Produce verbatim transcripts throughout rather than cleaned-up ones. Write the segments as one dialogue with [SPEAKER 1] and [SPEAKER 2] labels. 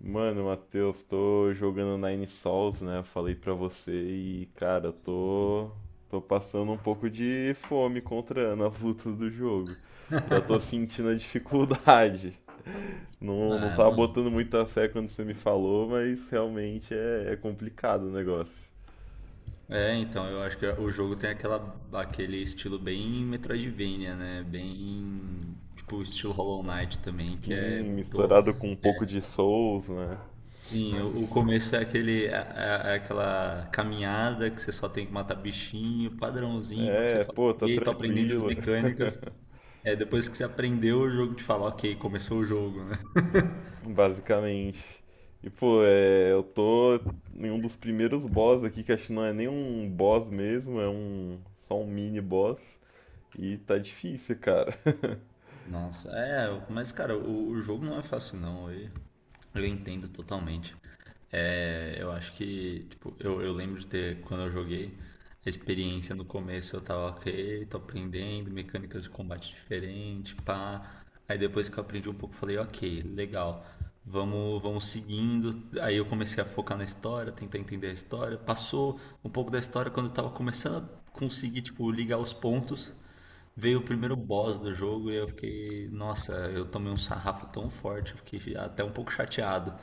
[SPEAKER 1] Mano, Matheus, tô jogando Nine Sols, né? Eu falei pra você e, cara, eu tô, tô passando um pouco de fome contra nas lutas do jogo. Já tô sentindo a dificuldade. Não, não
[SPEAKER 2] Ah,
[SPEAKER 1] tava
[SPEAKER 2] mano.
[SPEAKER 1] botando muita fé quando você me falou, mas realmente é, é complicado o negócio.
[SPEAKER 2] É, então, eu acho que o jogo tem aquela, aquele estilo bem Metroidvania, né? Bem, tipo, estilo Hollow Knight também, que é,
[SPEAKER 1] Sim,
[SPEAKER 2] pô,
[SPEAKER 1] misturado com um pouco de Souls, né?
[SPEAKER 2] sim, o, o começo é aquele, é, é- é aquela caminhada que você só tem que matar bichinho, padrãozinho, porque você
[SPEAKER 1] É,
[SPEAKER 2] fala,
[SPEAKER 1] pô, tá
[SPEAKER 2] ok, tô aprendendo as
[SPEAKER 1] tranquilo.
[SPEAKER 2] mecânicas. É, depois que você aprendeu, o jogo te fala, ok, começou o jogo, né?
[SPEAKER 1] Basicamente. E, pô, é, eu tô em um dos primeiros boss aqui, que acho que não é nem um boss mesmo, é um só um mini boss. E tá difícil, cara.
[SPEAKER 2] Nossa, é, mas cara, o, o jogo não é fácil não, eu, eu entendo totalmente. É, eu acho que, tipo, eu, eu lembro de ter, quando eu joguei, a experiência no começo eu tava ok, tô aprendendo, mecânicas de combate diferente, pá. Aí depois que eu aprendi um pouco, eu falei, ok, legal, vamos, vamos seguindo. Aí eu comecei a focar na história, tentar entender a história. Passou um pouco da história quando eu tava começando a conseguir, tipo, ligar os pontos. Veio o primeiro boss do jogo e eu fiquei, nossa, eu tomei um sarrafo tão forte, eu fiquei até um pouco chateado.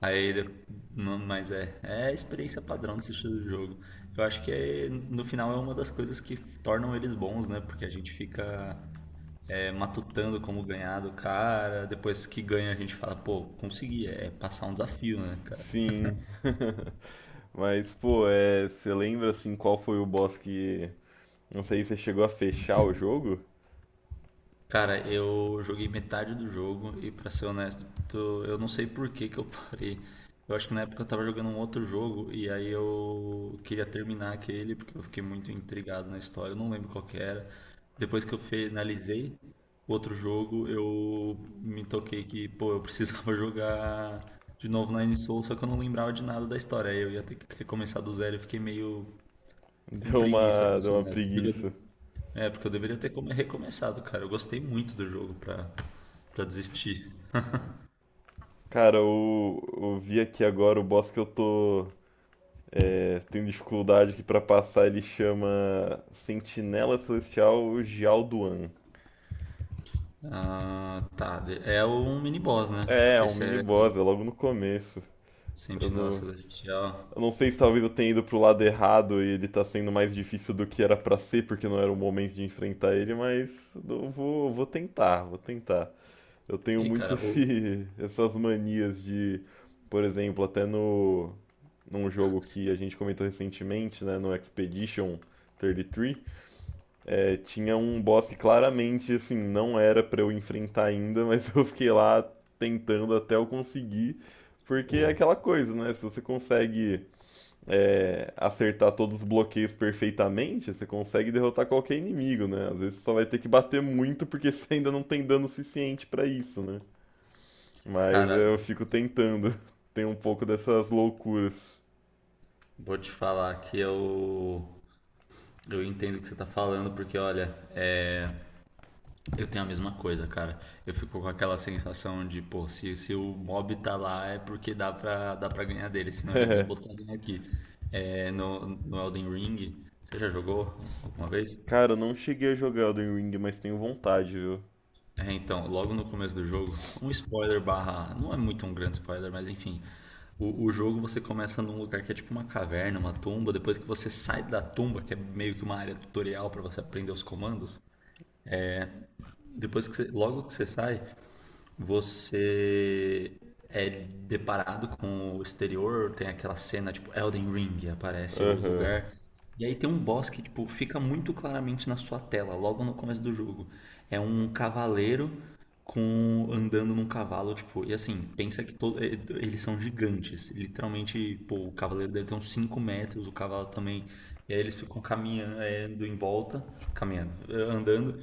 [SPEAKER 2] Aí, de- não, mas é, é a experiência padrão desse estilo de jogo. Eu acho que é, no final é uma das coisas que tornam eles bons, né? Porque a gente fica é, matutando como ganhar do cara, depois que ganha a gente fala, pô, consegui, é passar um desafio, né, cara?
[SPEAKER 1] Sim. Mas, pô, é, você lembra assim qual foi o boss que. Não sei se você chegou a fechar o jogo?
[SPEAKER 2] Cara, eu joguei metade do jogo e pra ser honesto, tô- eu não sei por que que eu parei. Eu acho que na época eu tava jogando um outro jogo e aí eu queria terminar aquele porque eu fiquei muito intrigado na história, eu não lembro qual que era. Depois que eu finalizei o outro jogo, eu me toquei que, pô, eu precisava jogar de novo Nine Soul, só que eu não lembrava de nada da história. Aí eu ia ter que recomeçar do zero e fiquei meio com
[SPEAKER 1] Deu
[SPEAKER 2] preguiça,
[SPEAKER 1] uma,
[SPEAKER 2] pra
[SPEAKER 1] deu
[SPEAKER 2] ser
[SPEAKER 1] uma
[SPEAKER 2] honesto. Porque
[SPEAKER 1] preguiça.
[SPEAKER 2] eu- é, porque eu deveria ter come- recomeçado, cara. Eu gostei muito do jogo pra, pra desistir.
[SPEAKER 1] Cara, eu, eu vi aqui agora o boss que eu tô. É, tem dificuldade que pra passar ele chama Sentinela Celestial Gialduan.
[SPEAKER 2] Ah, tá. De- É um mini-boss, né?
[SPEAKER 1] É, é
[SPEAKER 2] Porque
[SPEAKER 1] um
[SPEAKER 2] se
[SPEAKER 1] mini
[SPEAKER 2] é
[SPEAKER 1] boss, é logo no começo. Eu
[SPEAKER 2] Sentinela
[SPEAKER 1] não,
[SPEAKER 2] Celestial.
[SPEAKER 1] eu não sei se talvez eu tenha ido pro lado errado e ele tá sendo mais difícil do que era pra ser, porque não era o momento de enfrentar ele, mas eu vou, eu vou tentar, vou tentar. Eu tenho
[SPEAKER 2] Ei,
[SPEAKER 1] muito
[SPEAKER 2] cara, o.
[SPEAKER 1] esse, essas manias de, por exemplo, até no, num jogo que a gente comentou recentemente, né, no Expedition trinta e três. É, tinha um boss que claramente, assim, não era pra eu enfrentar ainda, mas eu fiquei lá tentando até eu conseguir, porque é
[SPEAKER 2] o-
[SPEAKER 1] aquela coisa, né? Se você consegue, é, acertar todos os bloqueios perfeitamente, você consegue derrotar qualquer inimigo, né? Às vezes você só vai ter que bater muito porque você ainda não tem dano suficiente pra isso, né? Mas
[SPEAKER 2] cara,
[SPEAKER 1] é, eu fico tentando. Tem um pouco dessas loucuras.
[SPEAKER 2] Vou te falar que eu. Eu entendo o que você tá falando, porque olha, é. Eu tenho a mesma coisa, cara. Eu fico com aquela sensação de, pô, se, se o mob tá lá é porque dá pra, dá pra ganhar dele, senão eles nem botaram aqui. É, no, no Elden Ring, você já jogou alguma vez?
[SPEAKER 1] Cara, eu não cheguei a jogar Elden Ring, mas tenho vontade, viu?
[SPEAKER 2] É, então, logo no começo do jogo, um spoiler barra, não é muito um grande spoiler, mas enfim. O, o jogo você começa num lugar que é tipo uma caverna, uma tumba, depois que você sai da tumba, que é meio que uma área tutorial pra você aprender os comandos, depois que você, logo que você sai, você é deparado com o exterior, tem aquela cena tipo Elden Ring, aparece o
[SPEAKER 1] Aham.
[SPEAKER 2] lugar. E aí tem um boss que tipo fica muito claramente na sua tela, logo no começo do jogo. É um cavaleiro com andando num cavalo, tipo, e assim, pensa que todo, eh, eles são gigantes, literalmente, pô, o cavaleiro deve ter uns cinco metros, o cavalo também. E aí eles ficam caminhando eh, em volta, caminhando, eh, andando,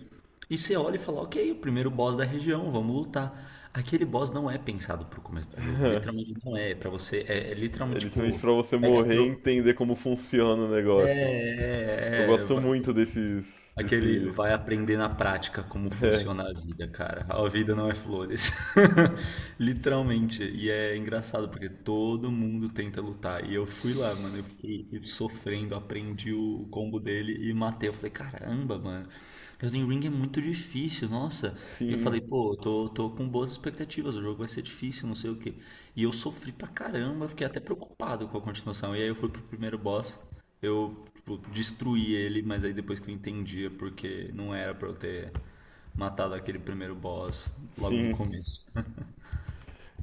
[SPEAKER 2] e você olha e fala, ok, o primeiro boss da região, vamos lutar. Aquele boss não é pensado pro começo do jogo, literalmente não é. Pra você, é, é
[SPEAKER 1] É
[SPEAKER 2] literalmente
[SPEAKER 1] literalmente
[SPEAKER 2] tipo,
[SPEAKER 1] pra você
[SPEAKER 2] pega
[SPEAKER 1] morrer e
[SPEAKER 2] tro...
[SPEAKER 1] entender como funciona o
[SPEAKER 2] É,
[SPEAKER 1] negócio. Eu
[SPEAKER 2] é, é,
[SPEAKER 1] gosto
[SPEAKER 2] é,
[SPEAKER 1] muito desses,
[SPEAKER 2] aquele
[SPEAKER 1] desse,
[SPEAKER 2] vai aprender na prática como
[SPEAKER 1] é,
[SPEAKER 2] funciona a vida, cara. A vida não é flores. Literalmente. E é engraçado porque todo mundo tenta lutar. E eu fui lá, mano. Eu fiquei sofrendo, aprendi o combo dele e matei. Eu falei, caramba, mano. Elden Ring é muito difícil, nossa. E eu
[SPEAKER 1] sim,
[SPEAKER 2] falei, pô, eu tô, tô com boas expectativas. O jogo vai ser difícil, não sei o quê. E eu sofri pra caramba. Eu fiquei até preocupado com a continuação. E aí eu fui pro primeiro boss. Eu, tipo, destruí ele, mas aí depois que eu entendia porque não era pra eu ter matado aquele primeiro boss logo no
[SPEAKER 1] sim.
[SPEAKER 2] começo.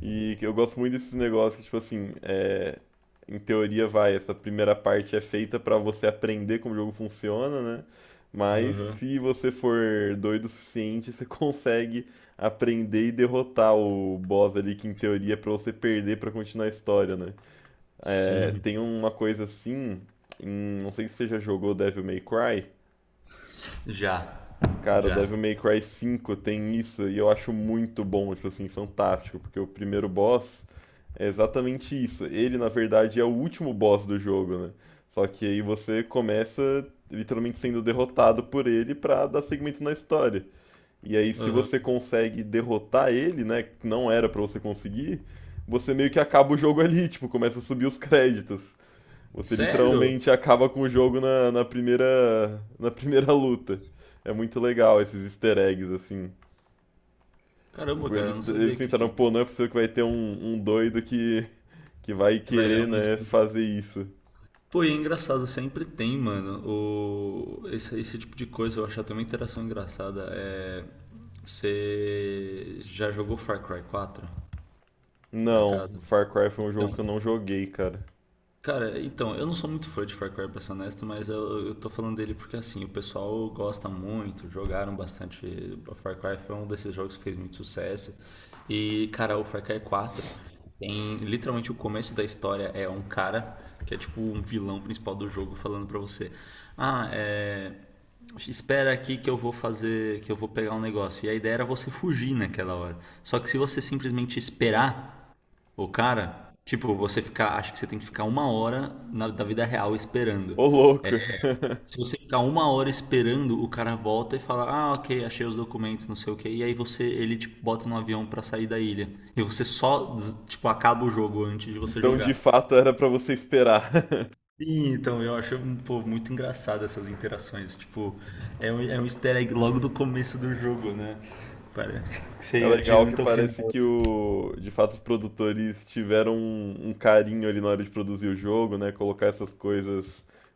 [SPEAKER 1] E que eu gosto muito desses negócios, tipo assim, é, em teoria vai, essa primeira parte é feita pra você aprender como o jogo funciona, né? Mas
[SPEAKER 2] Aham.
[SPEAKER 1] se você for doido o suficiente, você consegue aprender e derrotar o boss ali, que em teoria é pra você perder pra continuar a história, né? É,
[SPEAKER 2] Sim.
[SPEAKER 1] tem uma coisa assim, em- não sei se você já jogou Devil May Cry.
[SPEAKER 2] Já.
[SPEAKER 1] Cara,
[SPEAKER 2] Já.
[SPEAKER 1] Devil May Cry cinco tem isso e eu acho muito bom, tipo assim, fantástico, porque o primeiro boss é exatamente isso. Ele, na verdade, é o último boss do jogo, né? Só que aí você começa literalmente sendo derrotado por ele pra dar segmento na história. E aí, se
[SPEAKER 2] Aham.
[SPEAKER 1] você consegue derrotar ele, né, que não era pra você conseguir, você meio que acaba o jogo ali, tipo, começa a subir os créditos. Você
[SPEAKER 2] Sério?
[SPEAKER 1] literalmente acaba com o jogo na, na primeira, na primeira luta. É muito legal esses easter eggs, assim.
[SPEAKER 2] Caramba, cara, eu não
[SPEAKER 1] Eles, eles
[SPEAKER 2] sabia
[SPEAKER 1] pensaram,
[SPEAKER 2] que,
[SPEAKER 1] pô, não é possível que vai ter um, um doido que, que vai
[SPEAKER 2] que vai
[SPEAKER 1] querer,
[SPEAKER 2] realmente.
[SPEAKER 1] né, fazer isso.
[SPEAKER 2] Pô, e é engraçado, sempre tem, mano. O... Esse, esse tipo de coisa eu acho até uma interação engraçada. É... Você já jogou Far Cry quatro por
[SPEAKER 1] Não,
[SPEAKER 2] acaso?
[SPEAKER 1] Far Cry foi um jogo
[SPEAKER 2] Então,
[SPEAKER 1] que eu não joguei, cara.
[SPEAKER 2] cara, então, eu não sou muito fã de Far Cry, pra ser honesto, mas eu, eu tô falando dele porque, assim, o pessoal gosta muito, jogaram bastante. Far Cry foi um desses jogos que fez muito sucesso. E, cara, o Far Cry quatro tem literalmente o começo da história é um cara que é tipo um vilão principal do jogo falando pra você: Ah, é. Espera aqui que eu vou fazer, que eu vou pegar um negócio. E a ideia era você fugir naquela hora. Só que se você simplesmente esperar. O cara, tipo, você ficar, acho que você tem que ficar uma hora na, da vida real esperando.
[SPEAKER 1] Ô, louco!
[SPEAKER 2] Se você ficar uma hora esperando, o cara volta e fala, ah, ok, achei os documentos, não sei o que, e aí você, ele tipo, bota no avião pra sair da ilha. E você só, tipo, acaba o jogo antes de você
[SPEAKER 1] Então, de
[SPEAKER 2] jogar.
[SPEAKER 1] fato, era pra você esperar.
[SPEAKER 2] Sim, então eu acho pô, muito engraçado essas interações. Tipo, é um, é um easter egg logo do começo do jogo, né? Parece que
[SPEAKER 1] É
[SPEAKER 2] você
[SPEAKER 1] legal que
[SPEAKER 2] adianta o
[SPEAKER 1] parece
[SPEAKER 2] final.
[SPEAKER 1] que o, de fato os produtores tiveram um, um carinho ali na hora de produzir o jogo, né? Colocar essas coisas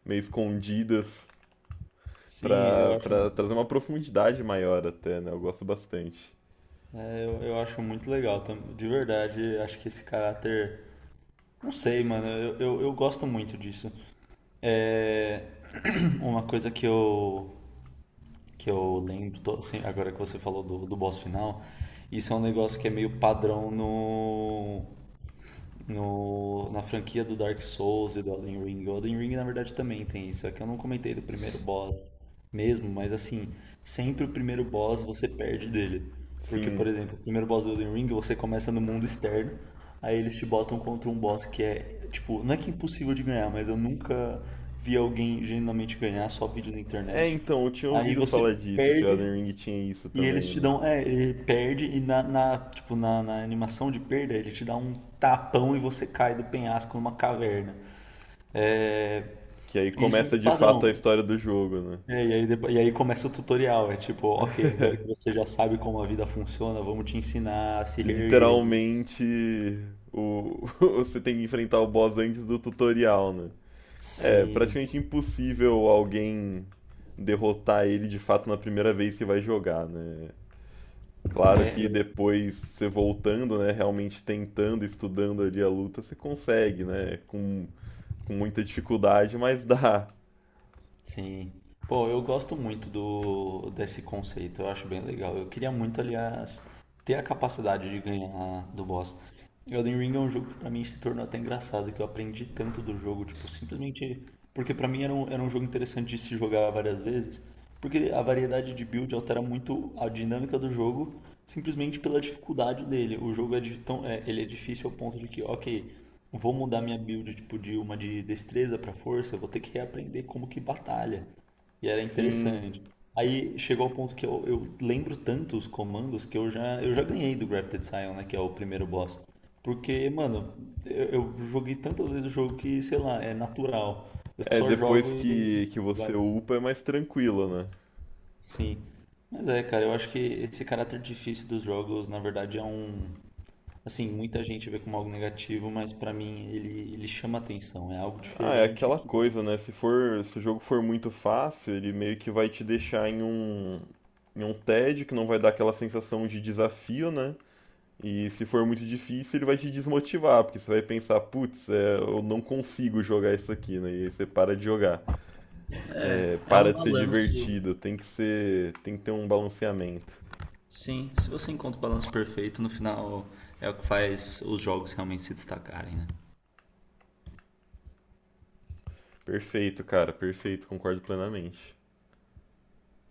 [SPEAKER 1] meio escondidas.
[SPEAKER 2] Sim, eu
[SPEAKER 1] Pra,
[SPEAKER 2] acho.
[SPEAKER 1] pra trazer uma profundidade maior até, né? Eu gosto bastante.
[SPEAKER 2] É, Eu, eu acho muito legal, tam- de verdade. Acho que esse caráter. Não sei, mano. Eu, eu, eu gosto muito disso. É. Uma coisa que eu, que eu lembro, to- assim, agora que você falou do, do boss final, isso é um negócio que é meio padrão no, no, na franquia do Dark Souls e do Elden Ring. O Elden Ring, na verdade, também tem isso. É que eu não comentei do primeiro boss mesmo, mas assim, sempre o primeiro boss você perde dele. Porque, por
[SPEAKER 1] Sim.
[SPEAKER 2] exemplo, o primeiro boss do Elden Ring você começa no mundo externo, aí eles te botam contra um boss que é, tipo, não é que é impossível de ganhar, mas eu nunca vi alguém genuinamente ganhar, só vídeo na
[SPEAKER 1] É,
[SPEAKER 2] internet.
[SPEAKER 1] então, eu tinha
[SPEAKER 2] Aí
[SPEAKER 1] ouvido
[SPEAKER 2] você
[SPEAKER 1] falar disso, que o
[SPEAKER 2] perde
[SPEAKER 1] Elden Ring tinha isso
[SPEAKER 2] e eles
[SPEAKER 1] também,
[SPEAKER 2] te
[SPEAKER 1] né?
[SPEAKER 2] dão. É, ele perde e na, na- tipo, na, na animação de perda, ele te dá um tapão e você cai do penhasco numa caverna. É,
[SPEAKER 1] Que aí
[SPEAKER 2] e isso é
[SPEAKER 1] começa
[SPEAKER 2] meu
[SPEAKER 1] de fato a
[SPEAKER 2] padrão.
[SPEAKER 1] história do jogo, né?
[SPEAKER 2] É, e aí, depo- e aí começa o tutorial. É tipo, ok, agora que você já sabe como a vida funciona, vamos te ensinar a se reerguer.
[SPEAKER 1] Literalmente, o... você tem que enfrentar o boss antes do tutorial, né? É
[SPEAKER 2] Sim.
[SPEAKER 1] praticamente impossível alguém derrotar ele de fato na primeira vez que vai jogar, né? Claro
[SPEAKER 2] É,
[SPEAKER 1] que
[SPEAKER 2] eu,
[SPEAKER 1] depois você voltando, né, realmente tentando, estudando ali a luta, você consegue, né, com, com muita dificuldade, mas dá.
[SPEAKER 2] Sim. Pô, eu gosto muito do desse conceito, eu acho bem legal. Eu queria muito, aliás, ter a capacidade de ganhar do boss. Elden Ring é um jogo que pra mim se tornou até engraçado, que eu aprendi tanto do jogo, tipo, simplesmente porque pra mim era um, era um jogo interessante de se jogar várias vezes, porque a variedade de build altera muito a dinâmica do jogo, simplesmente pela dificuldade dele. O jogo é, de tão, é, ele é difícil ao ponto de que, ok, vou mudar minha build tipo, de uma de destreza pra força, eu vou ter que reaprender como que batalha. E era
[SPEAKER 1] Sim,
[SPEAKER 2] interessante. Aí chegou ao ponto que eu, eu lembro tanto os comandos que eu já, eu já ganhei do Grafted Scion, né? Que é o primeiro boss. Porque, mano, eu, eu joguei tantas vezes o jogo que, sei lá, é natural. Eu
[SPEAKER 1] é
[SPEAKER 2] só jogo
[SPEAKER 1] depois
[SPEAKER 2] e
[SPEAKER 1] que, que você
[SPEAKER 2] vai.
[SPEAKER 1] upa é mais tranquilo, né?
[SPEAKER 2] Sim. Mas é, cara, eu acho que esse caráter difícil dos jogos, na verdade, é um. Assim, muita gente vê como algo negativo, mas pra mim ele, ele chama atenção. É algo
[SPEAKER 1] Ah, é
[SPEAKER 2] diferente
[SPEAKER 1] aquela
[SPEAKER 2] que.
[SPEAKER 1] coisa, né, se for, se o jogo for muito fácil, ele meio que vai te deixar em um, em um tédio, que não vai dar aquela sensação de desafio, né? E se for muito difícil, ele vai te desmotivar, porque você vai pensar, putz, é, eu não consigo jogar isso aqui, né? E aí você para de jogar. É,
[SPEAKER 2] É um
[SPEAKER 1] para de ser
[SPEAKER 2] balanço.
[SPEAKER 1] divertido, tem que ser, tem que ter um balanceamento.
[SPEAKER 2] Sim, se você encontra o balanço perfeito, no final é o que faz os jogos realmente se destacarem, né?
[SPEAKER 1] Perfeito, cara, perfeito, concordo plenamente.